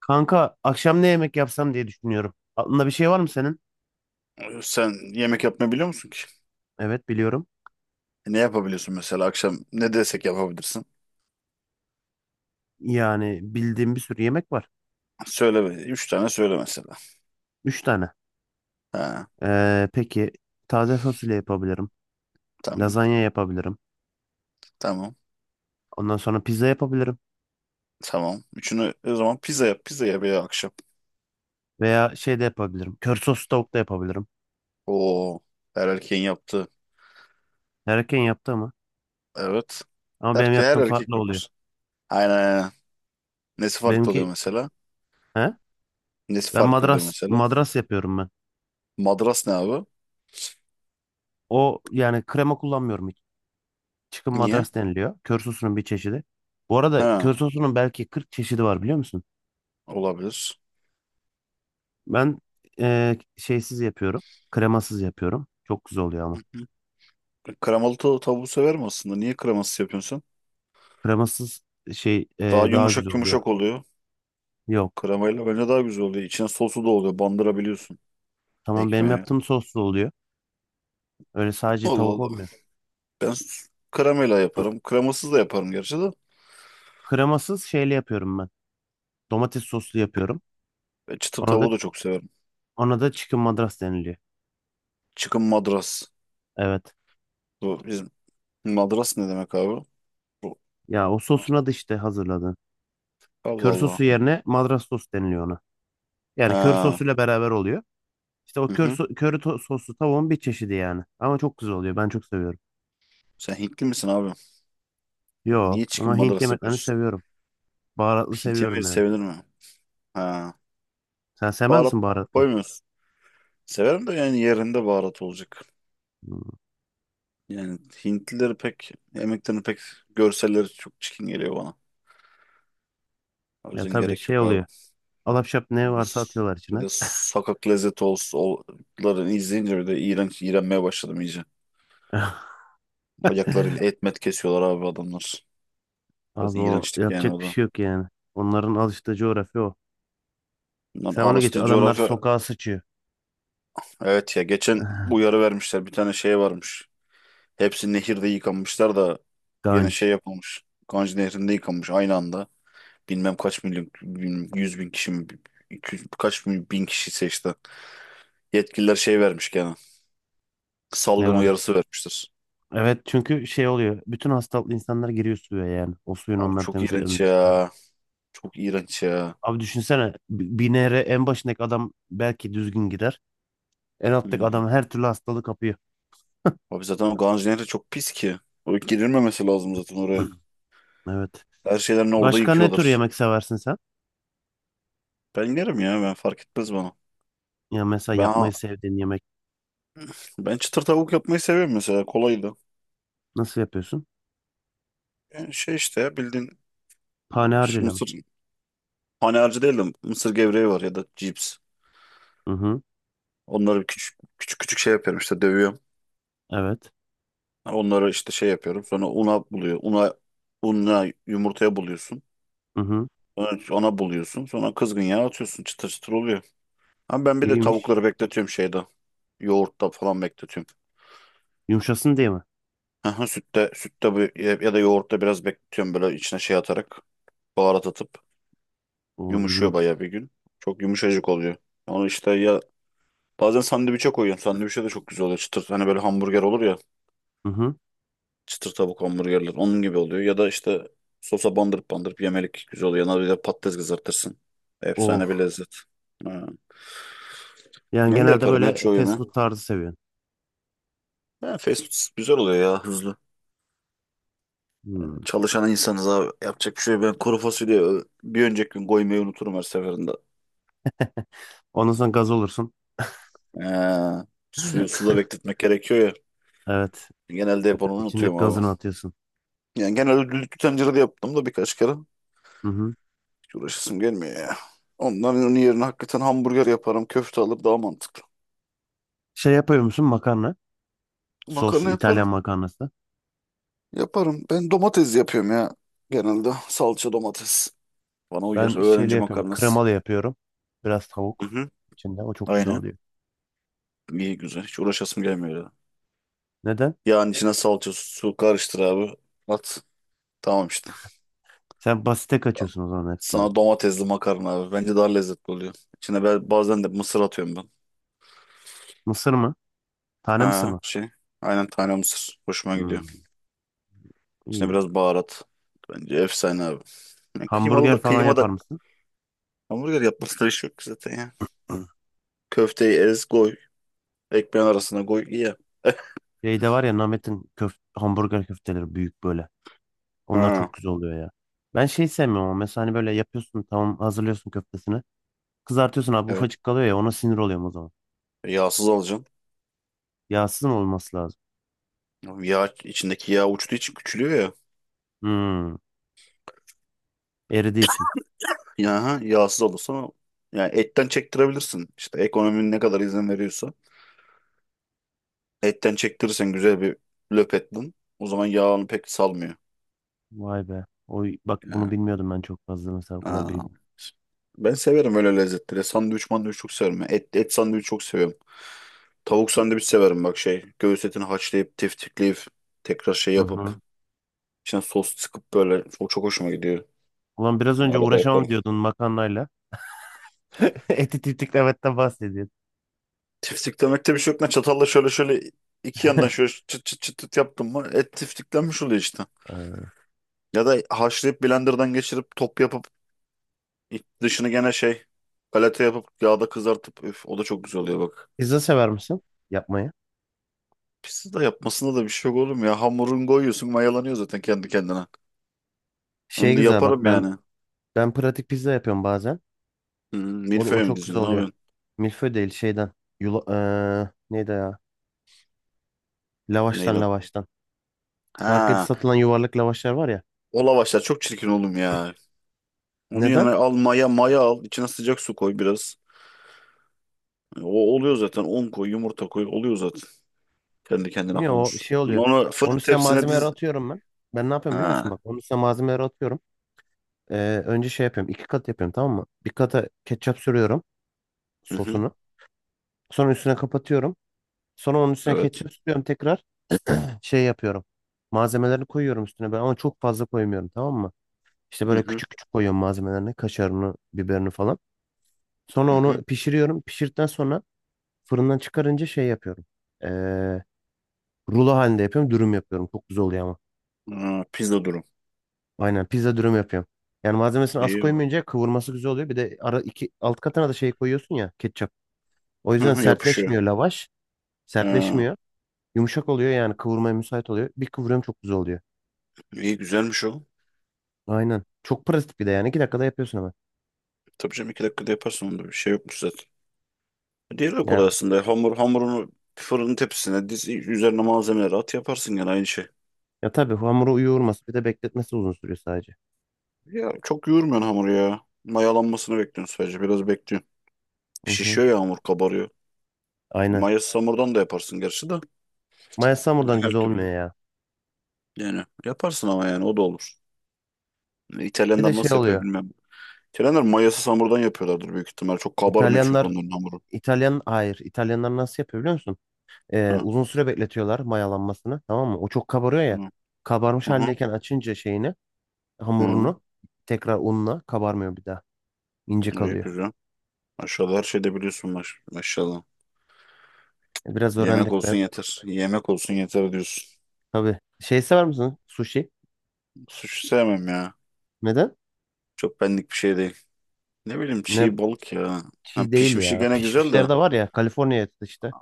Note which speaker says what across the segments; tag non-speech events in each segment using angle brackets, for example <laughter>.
Speaker 1: Kanka akşam ne yemek yapsam diye düşünüyorum. Aklında bir şey var mı senin?
Speaker 2: Sen yemek yapmayı biliyor musun ki?
Speaker 1: Evet biliyorum.
Speaker 2: Ne yapabiliyorsun mesela akşam ne desek yapabilirsin?
Speaker 1: Yani bildiğim bir sürü yemek var.
Speaker 2: Söyle be. Üç tane söyle mesela.
Speaker 1: Üç tane.
Speaker 2: Ha,
Speaker 1: Peki, taze fasulye yapabilirim.
Speaker 2: tamam.
Speaker 1: Lazanya yapabilirim.
Speaker 2: Tamam.
Speaker 1: Ondan sonra pizza yapabilirim.
Speaker 2: Tamam. Üçünü o zaman pizza yap. Pizza yap ya akşam.
Speaker 1: Veya şey de yapabilirim. Kör sos tavuk da yapabilirim.
Speaker 2: Oo. Her erkeğin yaptığı.
Speaker 1: Herkesin yaptığı mı?
Speaker 2: Evet.
Speaker 1: Ama benim
Speaker 2: Erke, her
Speaker 1: yaptığım
Speaker 2: erkek
Speaker 1: farklı oluyor.
Speaker 2: yapar. Aynen aynen. Nesi farklı oluyor
Speaker 1: Benimki
Speaker 2: mesela?
Speaker 1: he?
Speaker 2: Nesi
Speaker 1: Ben
Speaker 2: farklı oluyor
Speaker 1: madras
Speaker 2: mesela?
Speaker 1: madras yapıyorum ben.
Speaker 2: Madras ne abi?
Speaker 1: O yani krema kullanmıyorum hiç. Çıkın
Speaker 2: Niye?
Speaker 1: madras deniliyor. Kör sosunun bir çeşidi. Bu arada
Speaker 2: Ha.
Speaker 1: kör sosunun belki 40 çeşidi var biliyor musun?
Speaker 2: Olabilir.
Speaker 1: Ben şeysiz yapıyorum. Kremasız yapıyorum. Çok güzel oluyor
Speaker 2: Hı
Speaker 1: ama.
Speaker 2: hı. Kremalı tavuğu severim aslında. Niye kremasız yapıyorsun sen?
Speaker 1: Kremasız şey
Speaker 2: Daha
Speaker 1: daha güzel
Speaker 2: yumuşak
Speaker 1: oluyor.
Speaker 2: yumuşak oluyor.
Speaker 1: Yok.
Speaker 2: Kremayla bence daha güzel oluyor. İçine sosu da oluyor. Bandırabiliyorsun
Speaker 1: Tamam benim
Speaker 2: ekmeğe.
Speaker 1: yaptığım soslu oluyor. Öyle sadece
Speaker 2: Allah
Speaker 1: tavuk
Speaker 2: Allah.
Speaker 1: olmuyor.
Speaker 2: Kremayla yaparım. Kremasız da yaparım gerçi de.
Speaker 1: Kremasız şeyli yapıyorum ben. Domates soslu yapıyorum.
Speaker 2: E, çıtır
Speaker 1: Ona da
Speaker 2: tavuğu da çok severim.
Speaker 1: ona da chicken madras deniliyor.
Speaker 2: Çıkın madras.
Speaker 1: Evet.
Speaker 2: Bu bizim madras ne demek abi? Bu.
Speaker 1: Ya o sosuna da işte hazırladın.
Speaker 2: Allah
Speaker 1: Kör
Speaker 2: Allah.
Speaker 1: sosu yerine madras sos deniliyor ona. Yani kör
Speaker 2: Ha.
Speaker 1: sosuyla beraber oluyor. İşte o
Speaker 2: Hı
Speaker 1: kör
Speaker 2: hı.
Speaker 1: so- köri to- soslu tavuğun bir çeşidi yani. Ama çok güzel oluyor. Ben çok seviyorum.
Speaker 2: Sen Hintli misin abi?
Speaker 1: Yo
Speaker 2: Niye
Speaker 1: ama
Speaker 2: çıkın
Speaker 1: Hint
Speaker 2: madras
Speaker 1: yemeklerini
Speaker 2: yapıyorsun?
Speaker 1: seviyorum. Baharatlı
Speaker 2: Hint yemeği
Speaker 1: seviyorum yani.
Speaker 2: sevilir mi? Ha.
Speaker 1: Sen sevmez
Speaker 2: Baharat
Speaker 1: misin baharatlı?
Speaker 2: koymuyorsun. Severim de yani yerinde baharat olacak.
Speaker 1: Hmm.
Speaker 2: Yani Hintlileri pek yemeklerini pek görselleri çok çirkin geliyor bana. O
Speaker 1: Ya
Speaker 2: yüzden
Speaker 1: tabii
Speaker 2: gerek
Speaker 1: şey
Speaker 2: yok abi.
Speaker 1: oluyor. Alapşap ne
Speaker 2: Bir de,
Speaker 1: varsa atıyorlar
Speaker 2: bir de
Speaker 1: içine.
Speaker 2: sokak lezzeti olsunların izleyince bir de iğrenç iğrenmeye başladım iyice.
Speaker 1: <laughs>
Speaker 2: Ayaklarıyla etmet kesiyorlar abi adamlar. Biraz
Speaker 1: Abi o
Speaker 2: iğrençlik yani
Speaker 1: yapacak
Speaker 2: o
Speaker 1: bir
Speaker 2: da.
Speaker 1: şey yok yani. Onların alıştığı coğrafya o.
Speaker 2: Bundan
Speaker 1: Sen onu geç.
Speaker 2: araştı
Speaker 1: Adamlar
Speaker 2: coğrafya.
Speaker 1: sokağa sıçıyor.
Speaker 2: Evet ya geçen
Speaker 1: <laughs>
Speaker 2: uyarı vermişler. Bir tane şey varmış. Hepsi nehirde yıkanmışlar da yine şey
Speaker 1: Ganj.
Speaker 2: yapılmış. Ganj Nehri'nde yıkanmış aynı anda. Bilmem kaç milyon, bilmem 100.000 kişi mi, 200, kaç bin, bin kişi seçti. Yetkililer şey vermiş gene.
Speaker 1: Ne
Speaker 2: Salgın
Speaker 1: varmış?
Speaker 2: uyarısı vermiştir.
Speaker 1: Evet çünkü şey oluyor. Bütün hastalıklı insanlar giriyor suya yani. O suyun
Speaker 2: Abi
Speaker 1: onları
Speaker 2: çok
Speaker 1: temizlediğini
Speaker 2: iğrenç
Speaker 1: düşünerek.
Speaker 2: ya. Çok iğrenç ya.
Speaker 1: Abi düşünsene. Bir nehre en başındaki adam belki düzgün gider. En alttaki
Speaker 2: Hmm.
Speaker 1: adam her türlü hastalığı kapıyor.
Speaker 2: Abi zaten o Ganjiner de çok pis ki. O girilmemesi lazım zaten oraya.
Speaker 1: <clears throat> Evet.
Speaker 2: Her şeylerini orada
Speaker 1: Başka ne tür
Speaker 2: yıkıyorlar.
Speaker 1: yemek seversin sen?
Speaker 2: Ben yerim ya ben fark etmez bana.
Speaker 1: Ya mesela
Speaker 2: Ben
Speaker 1: yapmayı sevdiğin yemek
Speaker 2: ben çıtır tavuk yapmayı seviyorum mesela kolaydı.
Speaker 1: nasıl yapıyorsun?
Speaker 2: Yani şey işte ya, bildiğin
Speaker 1: Pane
Speaker 2: şu
Speaker 1: mi?
Speaker 2: mısır hani harcı değil de mısır gevreği var ya da cips.
Speaker 1: Hı hı.
Speaker 2: Onları küçük küçük küçük şey yapıyorum işte dövüyorum.
Speaker 1: Evet.
Speaker 2: Onları işte şey yapıyorum. Sonra una buluyor. Unla yumurtaya buluyorsun.
Speaker 1: Hı hı.
Speaker 2: Sonra ona buluyorsun. Sonra kızgın yağ atıyorsun. Çıtır çıtır oluyor. Ama ben bir de
Speaker 1: İyiymiş.
Speaker 2: tavukları bekletiyorum şeyde. Yoğurtta falan bekletiyorum.
Speaker 1: Yumuşasın diye mi?
Speaker 2: Aha, sütte bu ya ya da yoğurtta biraz bekletiyorum böyle içine şey atarak baharat atıp
Speaker 1: Oo
Speaker 2: yumuşuyor
Speaker 1: iyiymiş.
Speaker 2: bayağı bir gün. Çok yumuşacık oluyor. Onu işte ya bazen sandviçe koyuyorum. Sandviçe de çok güzel oluyor. Çıtır hani böyle hamburger olur ya.
Speaker 1: Hı hı.
Speaker 2: Çıtır tavuk hamburgerler onun gibi oluyor. Ya da işte sosa bandırıp bandırıp yemelik güzel oluyor. Yanına bir de patates kızartırsın. Efsane bir
Speaker 1: Oh.
Speaker 2: lezzet. Ha.
Speaker 1: Yani
Speaker 2: Ben de
Speaker 1: genelde
Speaker 2: yaparım ya
Speaker 1: böyle
Speaker 2: çoğu
Speaker 1: fast
Speaker 2: yemeği.
Speaker 1: food tarzı seviyorsun.
Speaker 2: Ha, fast food güzel oluyor ya hızlı.
Speaker 1: Hmm.
Speaker 2: Çalışan insanız abi. Yapacak bir şey yok. Ben kuru fasulye bir önceki gün koymayı unuturum her seferinde.
Speaker 1: <laughs> Ondan sonra gaz olursun.
Speaker 2: Ee, Suyu
Speaker 1: <laughs>
Speaker 2: suda bekletmek gerekiyor ya.
Speaker 1: Evet.
Speaker 2: Genelde hep onu
Speaker 1: İçindeki
Speaker 2: unutuyorum abi.
Speaker 1: gazını atıyorsun.
Speaker 2: Yani genelde düdüklü tencerede yaptım da birkaç kere.
Speaker 1: Hı hı.
Speaker 2: Hiç uğraşasım gelmiyor ya. Onların onun yerine hakikaten hamburger yaparım. Köfte alır daha mantıklı.
Speaker 1: Şey yapıyor musun makarna? Sos
Speaker 2: Makarna yaparım.
Speaker 1: İtalyan makarnası.
Speaker 2: Yaparım. Ben domates yapıyorum ya. Genelde salça domates. Bana uyar.
Speaker 1: Ben şeyli
Speaker 2: Öğrenci
Speaker 1: yapıyorum.
Speaker 2: makarnası.
Speaker 1: Kremalı yapıyorum. Biraz
Speaker 2: Hı
Speaker 1: tavuk
Speaker 2: hı.
Speaker 1: içinde. O çok güzel
Speaker 2: Aynen.
Speaker 1: oluyor.
Speaker 2: İyi güzel. Hiç uğraşasım gelmiyor ya.
Speaker 1: Neden?
Speaker 2: Yağın içine salça su karıştır abi. At. Tamam işte.
Speaker 1: Sen basite kaçıyorsun o zaman hepsinde.
Speaker 2: Sana domatesli makarna abi. Bence daha lezzetli oluyor. İçine ben bazen de mısır atıyorum ben.
Speaker 1: Mısır mı? Tane mısır
Speaker 2: Ha
Speaker 1: mı?
Speaker 2: şey. Aynen tane mısır. Hoşuma gidiyor.
Speaker 1: Hmm.
Speaker 2: İçine
Speaker 1: İyi.
Speaker 2: biraz baharat. Bence efsane abi. Yani kıymalı
Speaker 1: Hamburger
Speaker 2: da
Speaker 1: falan
Speaker 2: kıyma da
Speaker 1: yapar mısın?
Speaker 2: hamburger yapmasına iş yok zaten ya.
Speaker 1: <clears throat>
Speaker 2: Köfteyi ez koy. Ekmeğin arasına koy ye. <laughs>
Speaker 1: Şeyde var ya Namet'in köf hamburger köfteleri büyük böyle. Onlar
Speaker 2: Ha
Speaker 1: çok güzel oluyor ya. Ben şey sevmiyorum ama mesela hani böyle yapıyorsun tamam hazırlıyorsun köftesini. Kızartıyorsun abi
Speaker 2: evet.
Speaker 1: ufacık kalıyor ya ona sinir oluyorum o zaman.
Speaker 2: Yağsız alacaksın.
Speaker 1: Yağsız mı olması lazım?
Speaker 2: Yağ içindeki yağ uçtuğu için küçülüyor ya.
Speaker 1: Hmm, eridiği için.
Speaker 2: Ya ha, yağsız olursa yani etten çektirebilirsin. İşte ekonominin ne kadar izin veriyorsa. Etten çektirirsen güzel bir löpetten o zaman yağını pek salmıyor.
Speaker 1: Vay be. Oy, bak bunu
Speaker 2: Yani,
Speaker 1: bilmiyordum ben çok fazla mesela o kadar
Speaker 2: ha.
Speaker 1: bilgi.
Speaker 2: Ben severim öyle lezzetleri. Sandviç mandviç çok severim. Ya. Et sandviç çok seviyorum. Tavuk sandviç severim bak şey. Göğüs etini haşlayıp tiftikleyip tekrar şey
Speaker 1: Hı
Speaker 2: yapıp
Speaker 1: hı.
Speaker 2: içine sos sıkıp böyle. O çok hoşuma gidiyor.
Speaker 1: Ulan biraz önce
Speaker 2: Arada
Speaker 1: uğraşamam
Speaker 2: yaparım.
Speaker 1: diyordun makarnayla. <laughs> Eti tiftik Levent'ten bahsediyordun.
Speaker 2: Tiftiklemekte bir şey yok. Ne çatalla şöyle şöyle iki yandan şöyle çıt çıt çıt çıt yaptım mı et tiftiklenmiş oluyor işte.
Speaker 1: Ee,
Speaker 2: Ya da haşlayıp blenderdan geçirip top yapıp İç dışını gene şey galeta yapıp yağda kızartıp üf, o da çok güzel oluyor bak.
Speaker 1: Pizza sever misin yapmayı?
Speaker 2: Pizza da yapmasında da bir şey yok oğlum ya. Hamurun koyuyorsun mayalanıyor zaten kendi kendine.
Speaker 1: Şey
Speaker 2: Onu da
Speaker 1: güzel bak
Speaker 2: yaparım
Speaker 1: ben
Speaker 2: yani.
Speaker 1: Ben pratik pizza yapıyorum bazen.
Speaker 2: Hmm,
Speaker 1: O da o
Speaker 2: Milföy mü
Speaker 1: çok güzel
Speaker 2: diziyorsun? Ne
Speaker 1: oluyor.
Speaker 2: yapıyorsun?
Speaker 1: Milföy değil şeyden. Yula, neydi ya? Lavaştan
Speaker 2: Neyden?
Speaker 1: lavaştan. Markette
Speaker 2: Ha,
Speaker 1: satılan yuvarlak lavaşlar var ya.
Speaker 2: o lavaşlar çok çirkin oğlum ya. Onu yerine
Speaker 1: Neden?
Speaker 2: al maya al. İçine sıcak su koy biraz. O oluyor zaten. Un koy, yumurta koy. Oluyor zaten. Kendi kendine
Speaker 1: Bilmiyorum o
Speaker 2: hamur.
Speaker 1: şey
Speaker 2: Sonra
Speaker 1: oluyor.
Speaker 2: onu
Speaker 1: Onun
Speaker 2: fırın
Speaker 1: üstüne
Speaker 2: tepsine
Speaker 1: malzemeleri
Speaker 2: diz.
Speaker 1: atıyorum ben. Ben ne yapıyorum biliyor musun?
Speaker 2: Ha.
Speaker 1: Bak onun üstüne malzemeleri atıyorum. Önce şey yapıyorum. İki kat yapıyorum tamam mı? Bir kata ketçap sürüyorum
Speaker 2: Hı hı.
Speaker 1: sosunu. Sonra üstüne kapatıyorum. Sonra onun üstüne
Speaker 2: Evet.
Speaker 1: ketçap sürüyorum tekrar. Şey yapıyorum. Malzemelerini koyuyorum üstüne ben ama çok fazla koymuyorum tamam mı? İşte
Speaker 2: Hı
Speaker 1: böyle
Speaker 2: hı.
Speaker 1: küçük küçük koyuyorum malzemelerini, kaşarını, biberini falan. Sonra
Speaker 2: Hı hı.
Speaker 1: onu pişiriyorum. Pişirdikten sonra fırından çıkarınca şey yapıyorum. Ee, Rulo halinde yapıyorum, dürüm yapıyorum. Çok güzel oluyor ama.
Speaker 2: Ha, pizza durum.
Speaker 1: Aynen pizza dürüm yapıyorum. Yani malzemesini az
Speaker 2: İyi.
Speaker 1: koymayınca kıvırması güzel oluyor. Bir de ara iki alt katına da şey koyuyorsun ya, ketçap. O
Speaker 2: Hı
Speaker 1: yüzden
Speaker 2: hı, yapışıyor.
Speaker 1: sertleşmiyor lavaş.
Speaker 2: Ha,
Speaker 1: Sertleşmiyor. Yumuşak oluyor yani kıvırmaya müsait oluyor. Bir kıvırıyorum çok güzel oluyor.
Speaker 2: iyi güzelmiş o.
Speaker 1: Aynen. Çok pratik bir de yani. İki dakikada yapıyorsun hemen.
Speaker 2: Tabii canım 2 dakikada yaparsın onda bir şey yokmuş zaten. Diğeri de
Speaker 1: Yani
Speaker 2: kolay aslında. Hamurunu fırının tepsisine diz, üzerine malzemeleri at yaparsın gene aynı şey.
Speaker 1: ya tabii hamuru yoğurması bir de bekletmesi uzun sürüyor sadece.
Speaker 2: Ya çok yoğurmuyorsun hamuru ya. Mayalanmasını bekliyorsun sadece biraz bekliyorsun.
Speaker 1: Hı hı.
Speaker 2: Şişiyor ya hamur kabarıyor.
Speaker 1: Aynen.
Speaker 2: Mayası hamurdan da yaparsın gerçi de.
Speaker 1: Maya
Speaker 2: Ya
Speaker 1: Samur'dan
Speaker 2: her
Speaker 1: güzel
Speaker 2: türlü.
Speaker 1: olmuyor ya.
Speaker 2: Yani yaparsın ama yani o da olur. Yani
Speaker 1: Bir de
Speaker 2: İtalyanlar
Speaker 1: şey
Speaker 2: nasıl yapıyor
Speaker 1: oluyor.
Speaker 2: bilmem. İtalyanlar mayasız hamurdan yapıyorlardır büyük ihtimal. Çok kabarmıyor çünkü
Speaker 1: İtalyanlar
Speaker 2: onların hamuru.
Speaker 1: İtalyan hayır. İtalyanlar nasıl yapıyor biliyor musun?
Speaker 2: Ha,
Speaker 1: Uzun süre bekletiyorlar mayalanmasını. Tamam mı? O çok kabarıyor ya.
Speaker 2: ha,
Speaker 1: Kabarmış
Speaker 2: aha,
Speaker 1: haldeyken açınca şeyini,
Speaker 2: ha.
Speaker 1: hamurunu tekrar unla kabarmıyor bir daha. İnce
Speaker 2: İyi,
Speaker 1: kalıyor.
Speaker 2: güzel. Maşallah her şeyde biliyorsun maşallah.
Speaker 1: Biraz
Speaker 2: Yemek
Speaker 1: öğrendik
Speaker 2: olsun
Speaker 1: be.
Speaker 2: yeter. Yemek olsun yeter diyorsun.
Speaker 1: Tabii. Şey sever misin? Sushi.
Speaker 2: Sushi sevmem ya.
Speaker 1: Neden?
Speaker 2: Çok benlik bir şey değil. Ne bileyim
Speaker 1: Ne
Speaker 2: çiğ balık ya. Ha,
Speaker 1: çiğ değil
Speaker 2: pişmişi
Speaker 1: ya.
Speaker 2: gene güzel
Speaker 1: Pişmişleri
Speaker 2: de.
Speaker 1: de var ya. Kaliforniya işte.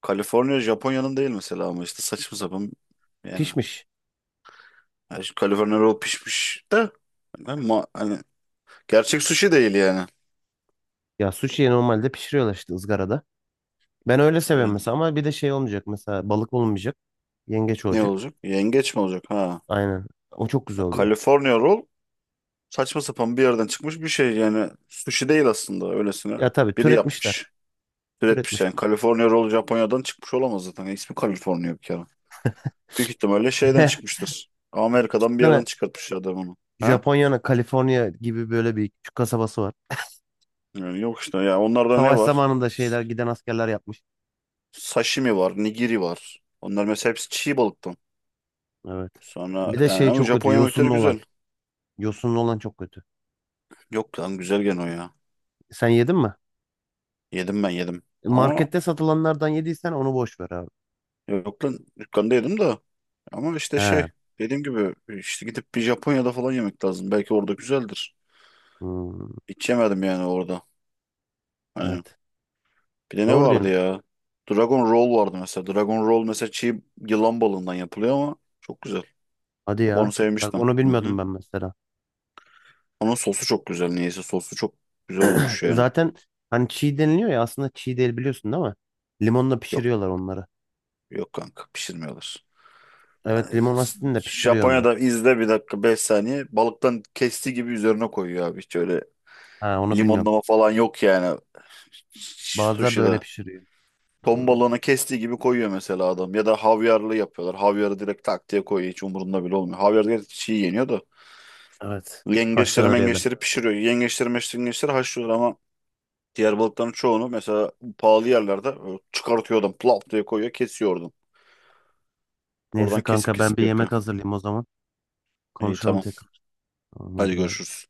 Speaker 2: Kaliforniya Japonya'nın değil mesela ama işte saçma sapan yani.
Speaker 1: Pişmiş.
Speaker 2: Ha, şu Kaliforniya roll pişmiş de hani gerçek sushi değil yani.
Speaker 1: Ya sushi'yi normalde pişiriyorlar işte ızgarada. Ben öyle seviyorum
Speaker 2: Yani
Speaker 1: mesela ama bir de şey olmayacak mesela balık olmayacak. Yengeç
Speaker 2: ne
Speaker 1: olacak.
Speaker 2: olacak? Yengeç mi olacak? Ha.
Speaker 1: Aynen. O çok güzel
Speaker 2: Ya,
Speaker 1: oluyor.
Speaker 2: Kaliforniya roll saçma sapan bir yerden çıkmış bir şey yani. Sushi değil aslında öylesine
Speaker 1: Ya tabii
Speaker 2: biri
Speaker 1: türetmişler.
Speaker 2: yapmış. Üretmiş yani.
Speaker 1: Türetmişler.
Speaker 2: California Roll Japonya'dan çıkmış olamaz zaten. Yani İsmi California bir kere. Büyük ihtimalle şeyden
Speaker 1: <laughs>
Speaker 2: çıkmıştır. Amerika'dan bir yerden
Speaker 1: Yani
Speaker 2: çıkartmış adam onu. Ha?
Speaker 1: Japonya'nın Kaliforniya gibi böyle bir küçük kasabası var.
Speaker 2: Yani yok işte ya onlarda ne
Speaker 1: Savaş
Speaker 2: var?
Speaker 1: zamanında şeyler giden askerler yapmış.
Speaker 2: Sashimi var, nigiri var. Onlar mesela hepsi çiğ balıktan.
Speaker 1: Evet.
Speaker 2: Sonra
Speaker 1: Bir de
Speaker 2: yani
Speaker 1: şey
Speaker 2: ama
Speaker 1: çok kötü.
Speaker 2: Japon yemekleri
Speaker 1: Yosunlu olan.
Speaker 2: güzel.
Speaker 1: Yosunlu olan çok kötü.
Speaker 2: Yok lan güzel gene o ya.
Speaker 1: Sen yedin mi?
Speaker 2: Yedim ben yedim. Ama
Speaker 1: Markette satılanlardan yediysen onu boş ver abi.
Speaker 2: yok lan dükkanda yedim de. Ama işte
Speaker 1: He.
Speaker 2: şey dediğim gibi işte gidip bir Japonya'da falan yemek lazım. Belki orada güzeldir.
Speaker 1: Hmm,
Speaker 2: Hiç yemedim yani orada. Hani
Speaker 1: evet.
Speaker 2: bir de ne
Speaker 1: Doğru
Speaker 2: vardı
Speaker 1: diyorsun.
Speaker 2: ya? Dragon Roll vardı mesela. Dragon Roll mesela çiğ yılan balığından yapılıyor ama çok güzel.
Speaker 1: Hadi
Speaker 2: Bak
Speaker 1: ya.
Speaker 2: onu
Speaker 1: Bak
Speaker 2: sevmiştim.
Speaker 1: onu
Speaker 2: Hı hı.
Speaker 1: bilmiyordum ben mesela.
Speaker 2: Onun sosu çok güzel. Niyeyse sosu çok güzel olmuş yani.
Speaker 1: Zaten hani çiğ deniliyor ya aslında çiğ değil biliyorsun değil mi? Limonla
Speaker 2: Yok
Speaker 1: pişiriyorlar onları.
Speaker 2: yok kanka pişirmiyorlar. Ee,
Speaker 1: Evet limon asitini de pişiriyor onları.
Speaker 2: Japonya'da izle 1 dakika 5 saniye. Balıktan kestiği gibi üzerine koyuyor abi. Hiç öyle
Speaker 1: Ha onu bilmiyorum.
Speaker 2: limonlama falan yok yani.
Speaker 1: Bazıları da öyle
Speaker 2: Sushi'de.
Speaker 1: pişiriyor.
Speaker 2: Ton
Speaker 1: Hmm,
Speaker 2: balığını kestiği gibi koyuyor mesela adam. Ya da havyarlı yapıyorlar. Havyarı direkt tak diye koyuyor. Hiç umurunda bile olmuyor. Havyar direkt çiğ yeniyor da.
Speaker 1: evet.
Speaker 2: Yengeçleri
Speaker 1: Haşlanır ya da.
Speaker 2: mengeçleri pişiriyor. Yengeçleri meşleri yengeçleri haşlıyor ama diğer balıkların çoğunu mesela pahalı yerlerde çıkartıyor adam. Plop diye koyuyor kesiyor oradan. Oradan
Speaker 1: Neyse
Speaker 2: kesip
Speaker 1: kanka ben bir
Speaker 2: kesip yapıyor.
Speaker 1: yemek hazırlayayım o zaman.
Speaker 2: İyi
Speaker 1: Konuşalım
Speaker 2: tamam.
Speaker 1: tekrar. Tamam
Speaker 2: Hadi
Speaker 1: hadi bay bay.
Speaker 2: görüşürüz.